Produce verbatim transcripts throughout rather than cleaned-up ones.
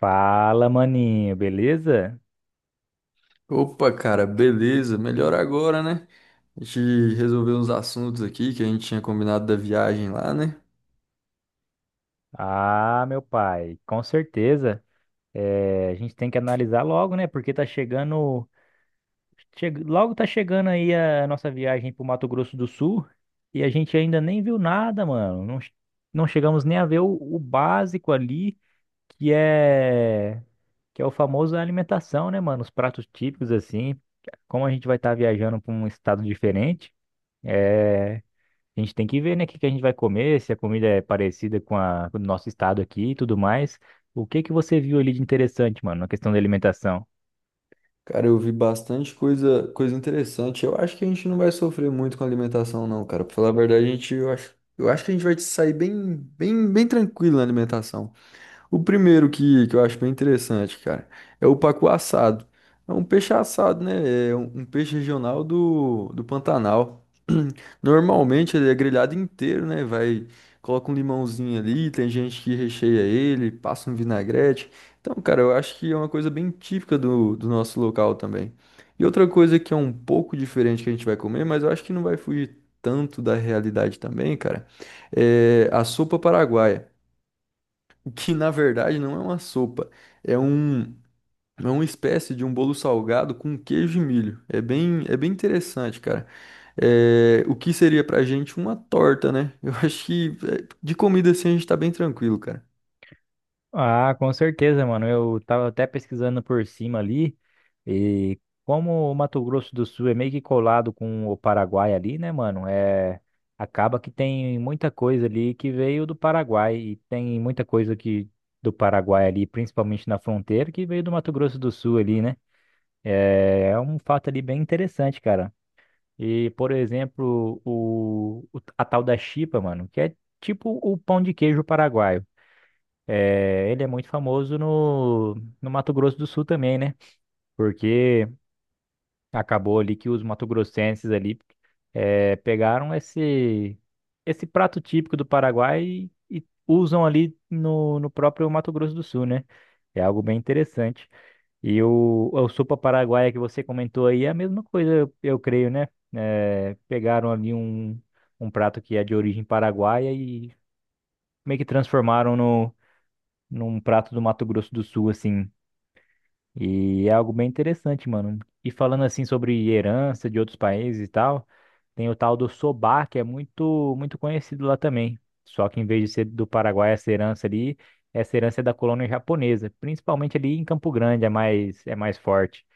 Fala, maninho, beleza? Opa, cara, beleza, melhor agora, né? A gente resolveu uns assuntos aqui que a gente tinha combinado da viagem lá, né? Ah, meu pai, com certeza. É, a gente tem que analisar logo, né? Porque tá chegando, che- logo tá chegando aí a nossa viagem pro Mato Grosso do Sul e a gente ainda nem viu nada, mano. Não, che- não chegamos nem a ver o, o básico ali, que é que é o famoso alimentação, né, mano? Os pratos típicos assim. Como a gente vai estar viajando pra um estado diferente, é, a gente tem que ver, né, o que que a gente vai comer, se a comida é parecida com a com o nosso estado aqui e tudo mais. O que que você viu ali de interessante, mano, na questão da alimentação? Cara, eu vi bastante coisa, coisa interessante. Eu acho que a gente não vai sofrer muito com alimentação, não, cara. Pra falar a verdade, a gente, eu acho, eu acho que a gente vai sair bem, bem, bem tranquilo na alimentação. O primeiro que, que eu acho bem interessante, cara, é o pacu assado. É um peixe assado, né? É um, um peixe regional do, do Pantanal. Normalmente ele é grelhado inteiro, né? Vai, coloca um limãozinho ali, tem gente que recheia ele, passa um vinagrete. Então, cara, eu acho que é uma coisa bem típica do, do nosso local também. E outra coisa que é um pouco diferente que a gente vai comer, mas eu acho que não vai fugir tanto da realidade também, cara, é a sopa paraguaia que na verdade não é uma sopa, é um é uma espécie de um bolo salgado com queijo e milho. É bem é bem interessante, cara. É, o que seria pra gente uma torta, né? Eu acho que é, de comida assim a gente tá bem tranquilo, cara. Ah, com certeza, mano. Eu tava até pesquisando por cima ali e como o Mato Grosso do Sul é meio que colado com o Paraguai ali, né, mano? É acaba que tem muita coisa ali que veio do Paraguai e tem muita coisa que do Paraguai ali, principalmente na fronteira, que veio do Mato Grosso do Sul ali, né? É um fato ali bem interessante, cara. E, por exemplo, o, o- a tal da chipa, mano, que é tipo o pão de queijo paraguaio. É, ele é muito famoso no, no Mato Grosso do Sul também, né? Porque acabou ali que os mato-grossenses ali é, pegaram esse, esse prato típico do Paraguai e, e usam ali no, no próprio Mato Grosso do Sul, né? É algo bem interessante. E o, a sopa paraguaia que você comentou aí é a mesma coisa, eu, eu creio, né? Eh, pegaram ali um, um prato que é de origem paraguaia e meio que transformaram no, num prato do Mato Grosso do Sul, assim. E é algo bem interessante, mano. E falando assim sobre herança de outros países e tal, tem o tal do sobar, que é muito, muito conhecido lá também. Só que em vez de ser do Paraguai, essa herança ali, essa herança é da colônia japonesa, principalmente ali em Campo Grande, é mais, é mais forte.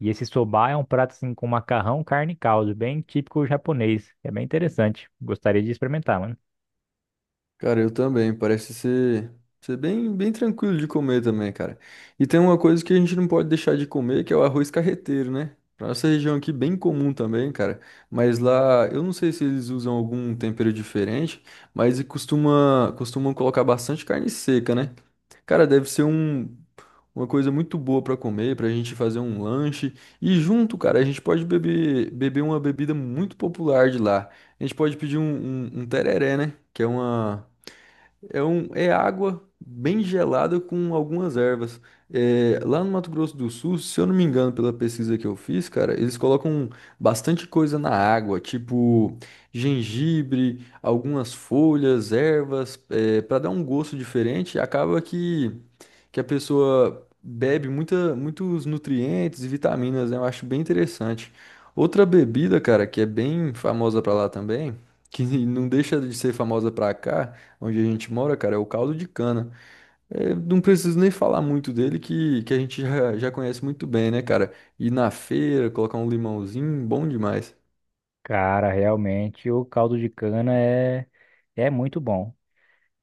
E esse soba é um prato assim com macarrão, carne e caldo, bem típico japonês. É bem interessante. Gostaria de experimentar, mano. Cara, eu também. Parece ser, ser bem, bem tranquilo de comer também, cara. E tem uma coisa que a gente não pode deixar de comer, que é o arroz carreteiro, né? Pra nossa região aqui, bem comum também, cara. Mas lá, eu não sei se eles usam algum tempero diferente, mas e costuma, costumam colocar bastante carne seca, né? Cara, deve ser um, uma coisa muito boa pra comer, pra gente fazer um lanche. E junto, cara, a gente pode beber, beber uma bebida muito popular de lá. A gente pode pedir um, um, um tereré, né? Que é uma. É, um, é água bem gelada com algumas ervas. É, lá no Mato Grosso do Sul, se eu não me engano, pela pesquisa que eu fiz, cara, eles colocam bastante coisa na água, tipo gengibre, algumas folhas, ervas, é, para dar um gosto diferente. Acaba que que a pessoa bebe muita, muitos nutrientes e vitaminas, né? Eu acho bem interessante. Outra bebida, cara, que é bem famosa pra lá também, que não deixa de ser famosa pra cá, onde a gente mora, cara, é o caldo de cana. É, não preciso nem falar muito dele, que, que a gente já, já conhece muito bem, né, cara? Ir na feira, colocar um limãozinho, bom demais. Cara, realmente o caldo de cana é, é muito bom.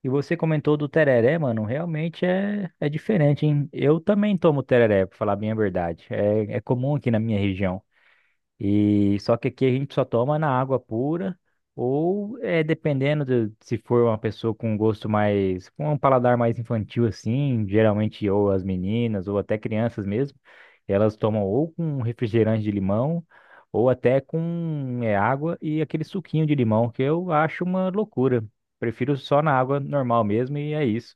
E você comentou do tereré, mano. Realmente é, é diferente, hein? Eu também tomo tereré, pra falar bem a verdade. É, é comum aqui na minha região. E só que aqui a gente só toma na água pura, ou é dependendo de, se for uma pessoa com gosto mais, com um paladar mais infantil assim, geralmente ou as meninas ou até crianças mesmo, elas tomam ou com um refrigerante de limão ou até com é, água e aquele suquinho de limão que eu acho uma loucura. Prefiro só na água normal mesmo e é isso.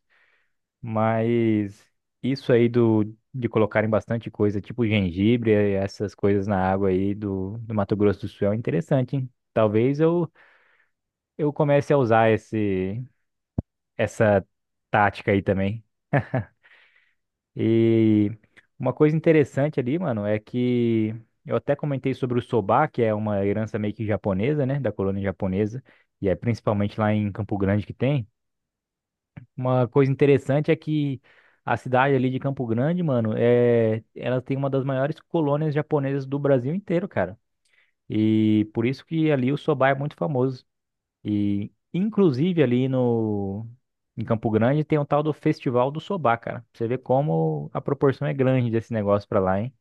Mas isso aí do, de colocarem bastante coisa, tipo gengibre, eh, essas coisas na água aí do, do Mato Grosso do Sul é interessante, hein? Talvez eu, eu comece a usar esse, essa tática aí também. E uma coisa interessante ali, mano, é que eu até comentei sobre o soba, que é uma herança meio que japonesa, né, da colônia japonesa, e é principalmente lá em Campo Grande que tem. Uma coisa interessante é que a cidade ali de Campo Grande, mano, é, ela tem uma das maiores colônias japonesas do Brasil inteiro, cara. E por isso que ali o soba é muito famoso. E inclusive ali no em Campo Grande tem o tal do Festival do Soba, cara. Pra você vê como a proporção é grande desse negócio pra lá, hein?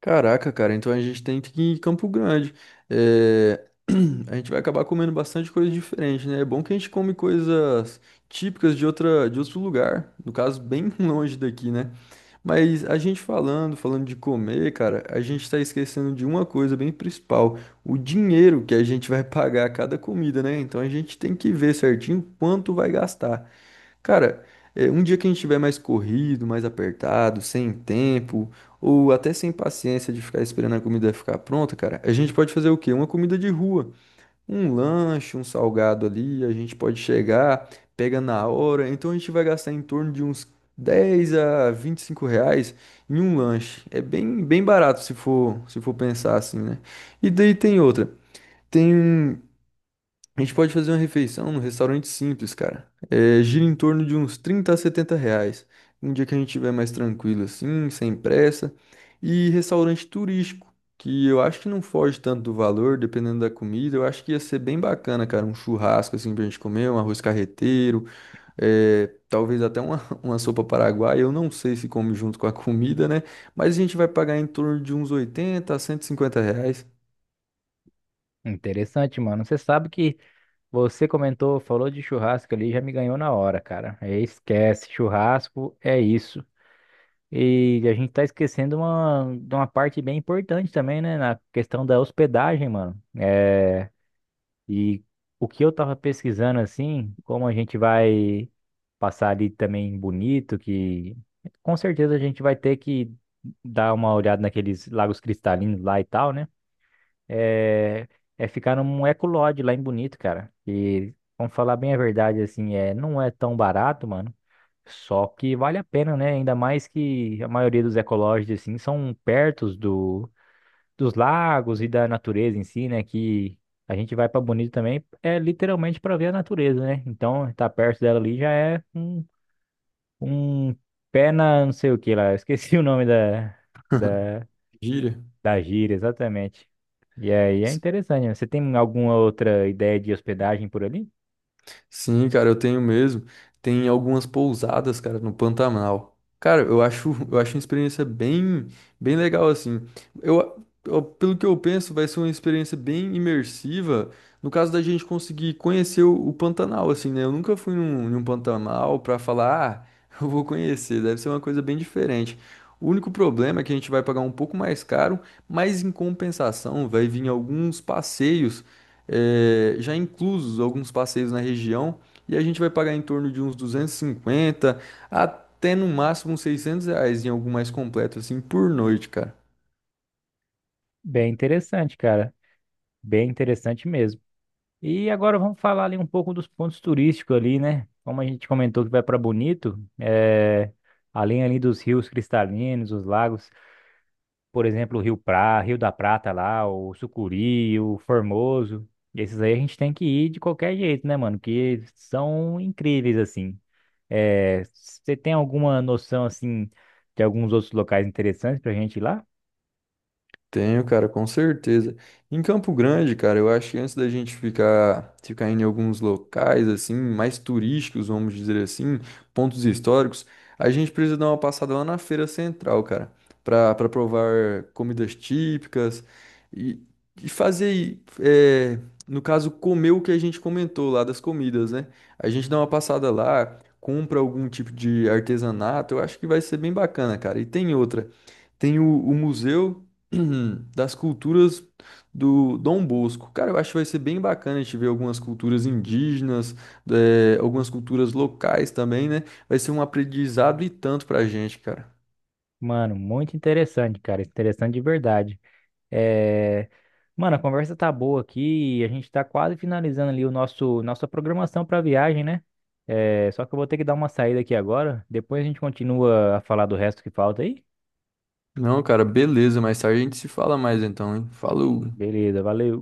Caraca, cara, então a gente tem que ir em Campo Grande. É, a gente vai acabar comendo bastante coisa diferente, né? É bom que a gente come coisas típicas de outra, de outro lugar, no caso, bem longe daqui, né? Mas a gente falando, falando de comer, cara, a gente tá esquecendo de uma coisa bem principal, o dinheiro que a gente vai pagar a cada comida, né? Então a gente tem que ver certinho quanto vai gastar. Cara, é, um dia que a gente tiver mais corrido, mais apertado, sem tempo, ou até sem paciência de ficar esperando a comida ficar pronta, cara, a gente pode fazer o quê? Uma comida de rua. Um lanche, um salgado ali, a gente pode chegar, pega na hora. Então a gente vai gastar em torno de uns dez a vinte e cinco reais em um lanche. É bem, bem barato se for, se for pensar assim, né? E daí tem outra. Tem um a gente pode fazer uma refeição num restaurante simples, cara. É, gira em torno de uns trinta a setenta reais. Um dia que a gente estiver mais tranquilo assim, sem pressa. E restaurante turístico, que eu acho que não foge tanto do valor, dependendo da comida. Eu acho que ia ser bem bacana, cara. Um churrasco assim pra gente comer, um arroz carreteiro, é, talvez até uma, uma sopa paraguaia. Eu não sei se come junto com a comida, né? Mas a gente vai pagar em torno de uns oitenta a cento e cinquenta reais. Interessante, mano. Você sabe que você comentou, falou de churrasco ali, já me ganhou na hora, cara. Esquece, churrasco é isso. E a gente tá esquecendo uma, de uma parte bem importante também, né? Na questão da hospedagem, mano. É, e o que eu tava pesquisando, assim, como a gente vai passar ali também bonito, que com certeza a gente vai ter que dar uma olhada naqueles lagos cristalinos lá e tal, né? É, é ficar num Ecolodge lá em Bonito, cara. E vamos falar bem a verdade, assim, é, não é tão barato, mano. Só que vale a pena, né? Ainda mais que a maioria dos ecolodges, assim, são perto do, dos lagos e da natureza em si, né? Que a gente vai pra Bonito também, é literalmente pra ver a natureza, né? Então, estar tá perto dela ali já é um, um pé na não sei o que lá. Eu esqueci o nome da, da Gira. da gíria, exatamente. E aí é interessante. Né? Você tem alguma outra ideia de hospedagem por ali? Sim, cara, eu tenho mesmo. Tem algumas pousadas, cara, no Pantanal. Cara, eu acho, eu acho uma experiência bem, bem legal assim. Eu, eu- pelo que eu penso, vai ser uma experiência bem imersiva, no caso da gente conseguir conhecer o, o Pantanal assim, né? Eu nunca fui num, num Pantanal pra falar, ah, eu vou conhecer, deve ser uma coisa bem diferente. O único problema é que a gente vai pagar um pouco mais caro, mas em compensação vai vir alguns passeios eh, já inclusos alguns passeios na região, e a gente vai pagar em torno de uns duzentos e cinquenta até no máximo uns seiscentos reais em algo mais completo, assim, por noite, cara. Bem interessante, cara. Bem interessante mesmo. E agora vamos falar ali um pouco dos pontos turísticos ali, né? Como a gente comentou que vai para Bonito, é, além ali dos rios cristalinos, os lagos, por exemplo, o Rio Pra, Rio da Prata lá, o Sucuri, o Formoso. Esses aí a gente tem que ir de qualquer jeito, né, mano? Que são incríveis assim. É, você tem alguma noção assim de alguns outros locais interessantes pra gente ir lá? Tenho, cara, com certeza. Em Campo Grande, cara, eu acho que antes da gente ficar, ficar indo em alguns locais, assim, mais turísticos, vamos dizer assim, pontos históricos, a gente precisa dar uma passada lá na Feira Central, cara, pra, pra provar comidas típicas e, e fazer, é, no caso, comer o que a gente comentou lá das comidas, né? A gente dá uma passada lá, compra algum tipo de artesanato, eu acho que vai ser bem bacana, cara. E tem outra. Tem o, o Museu das Culturas do Dom Bosco. Cara, eu acho que vai ser bem bacana a gente ver algumas culturas indígenas, eh, algumas culturas locais também, né? Vai ser um aprendizado e tanto pra gente, cara. Mano, muito interessante, cara. Interessante de verdade. É, mano, a conversa tá boa aqui. E a gente tá quase finalizando ali o nosso nossa programação pra viagem, né? É, só que eu vou ter que dar uma saída aqui agora. Depois a gente continua a falar do resto que falta aí. Não, cara, beleza. Mais tarde a gente se fala mais então, hein? Falou. Beleza, valeu.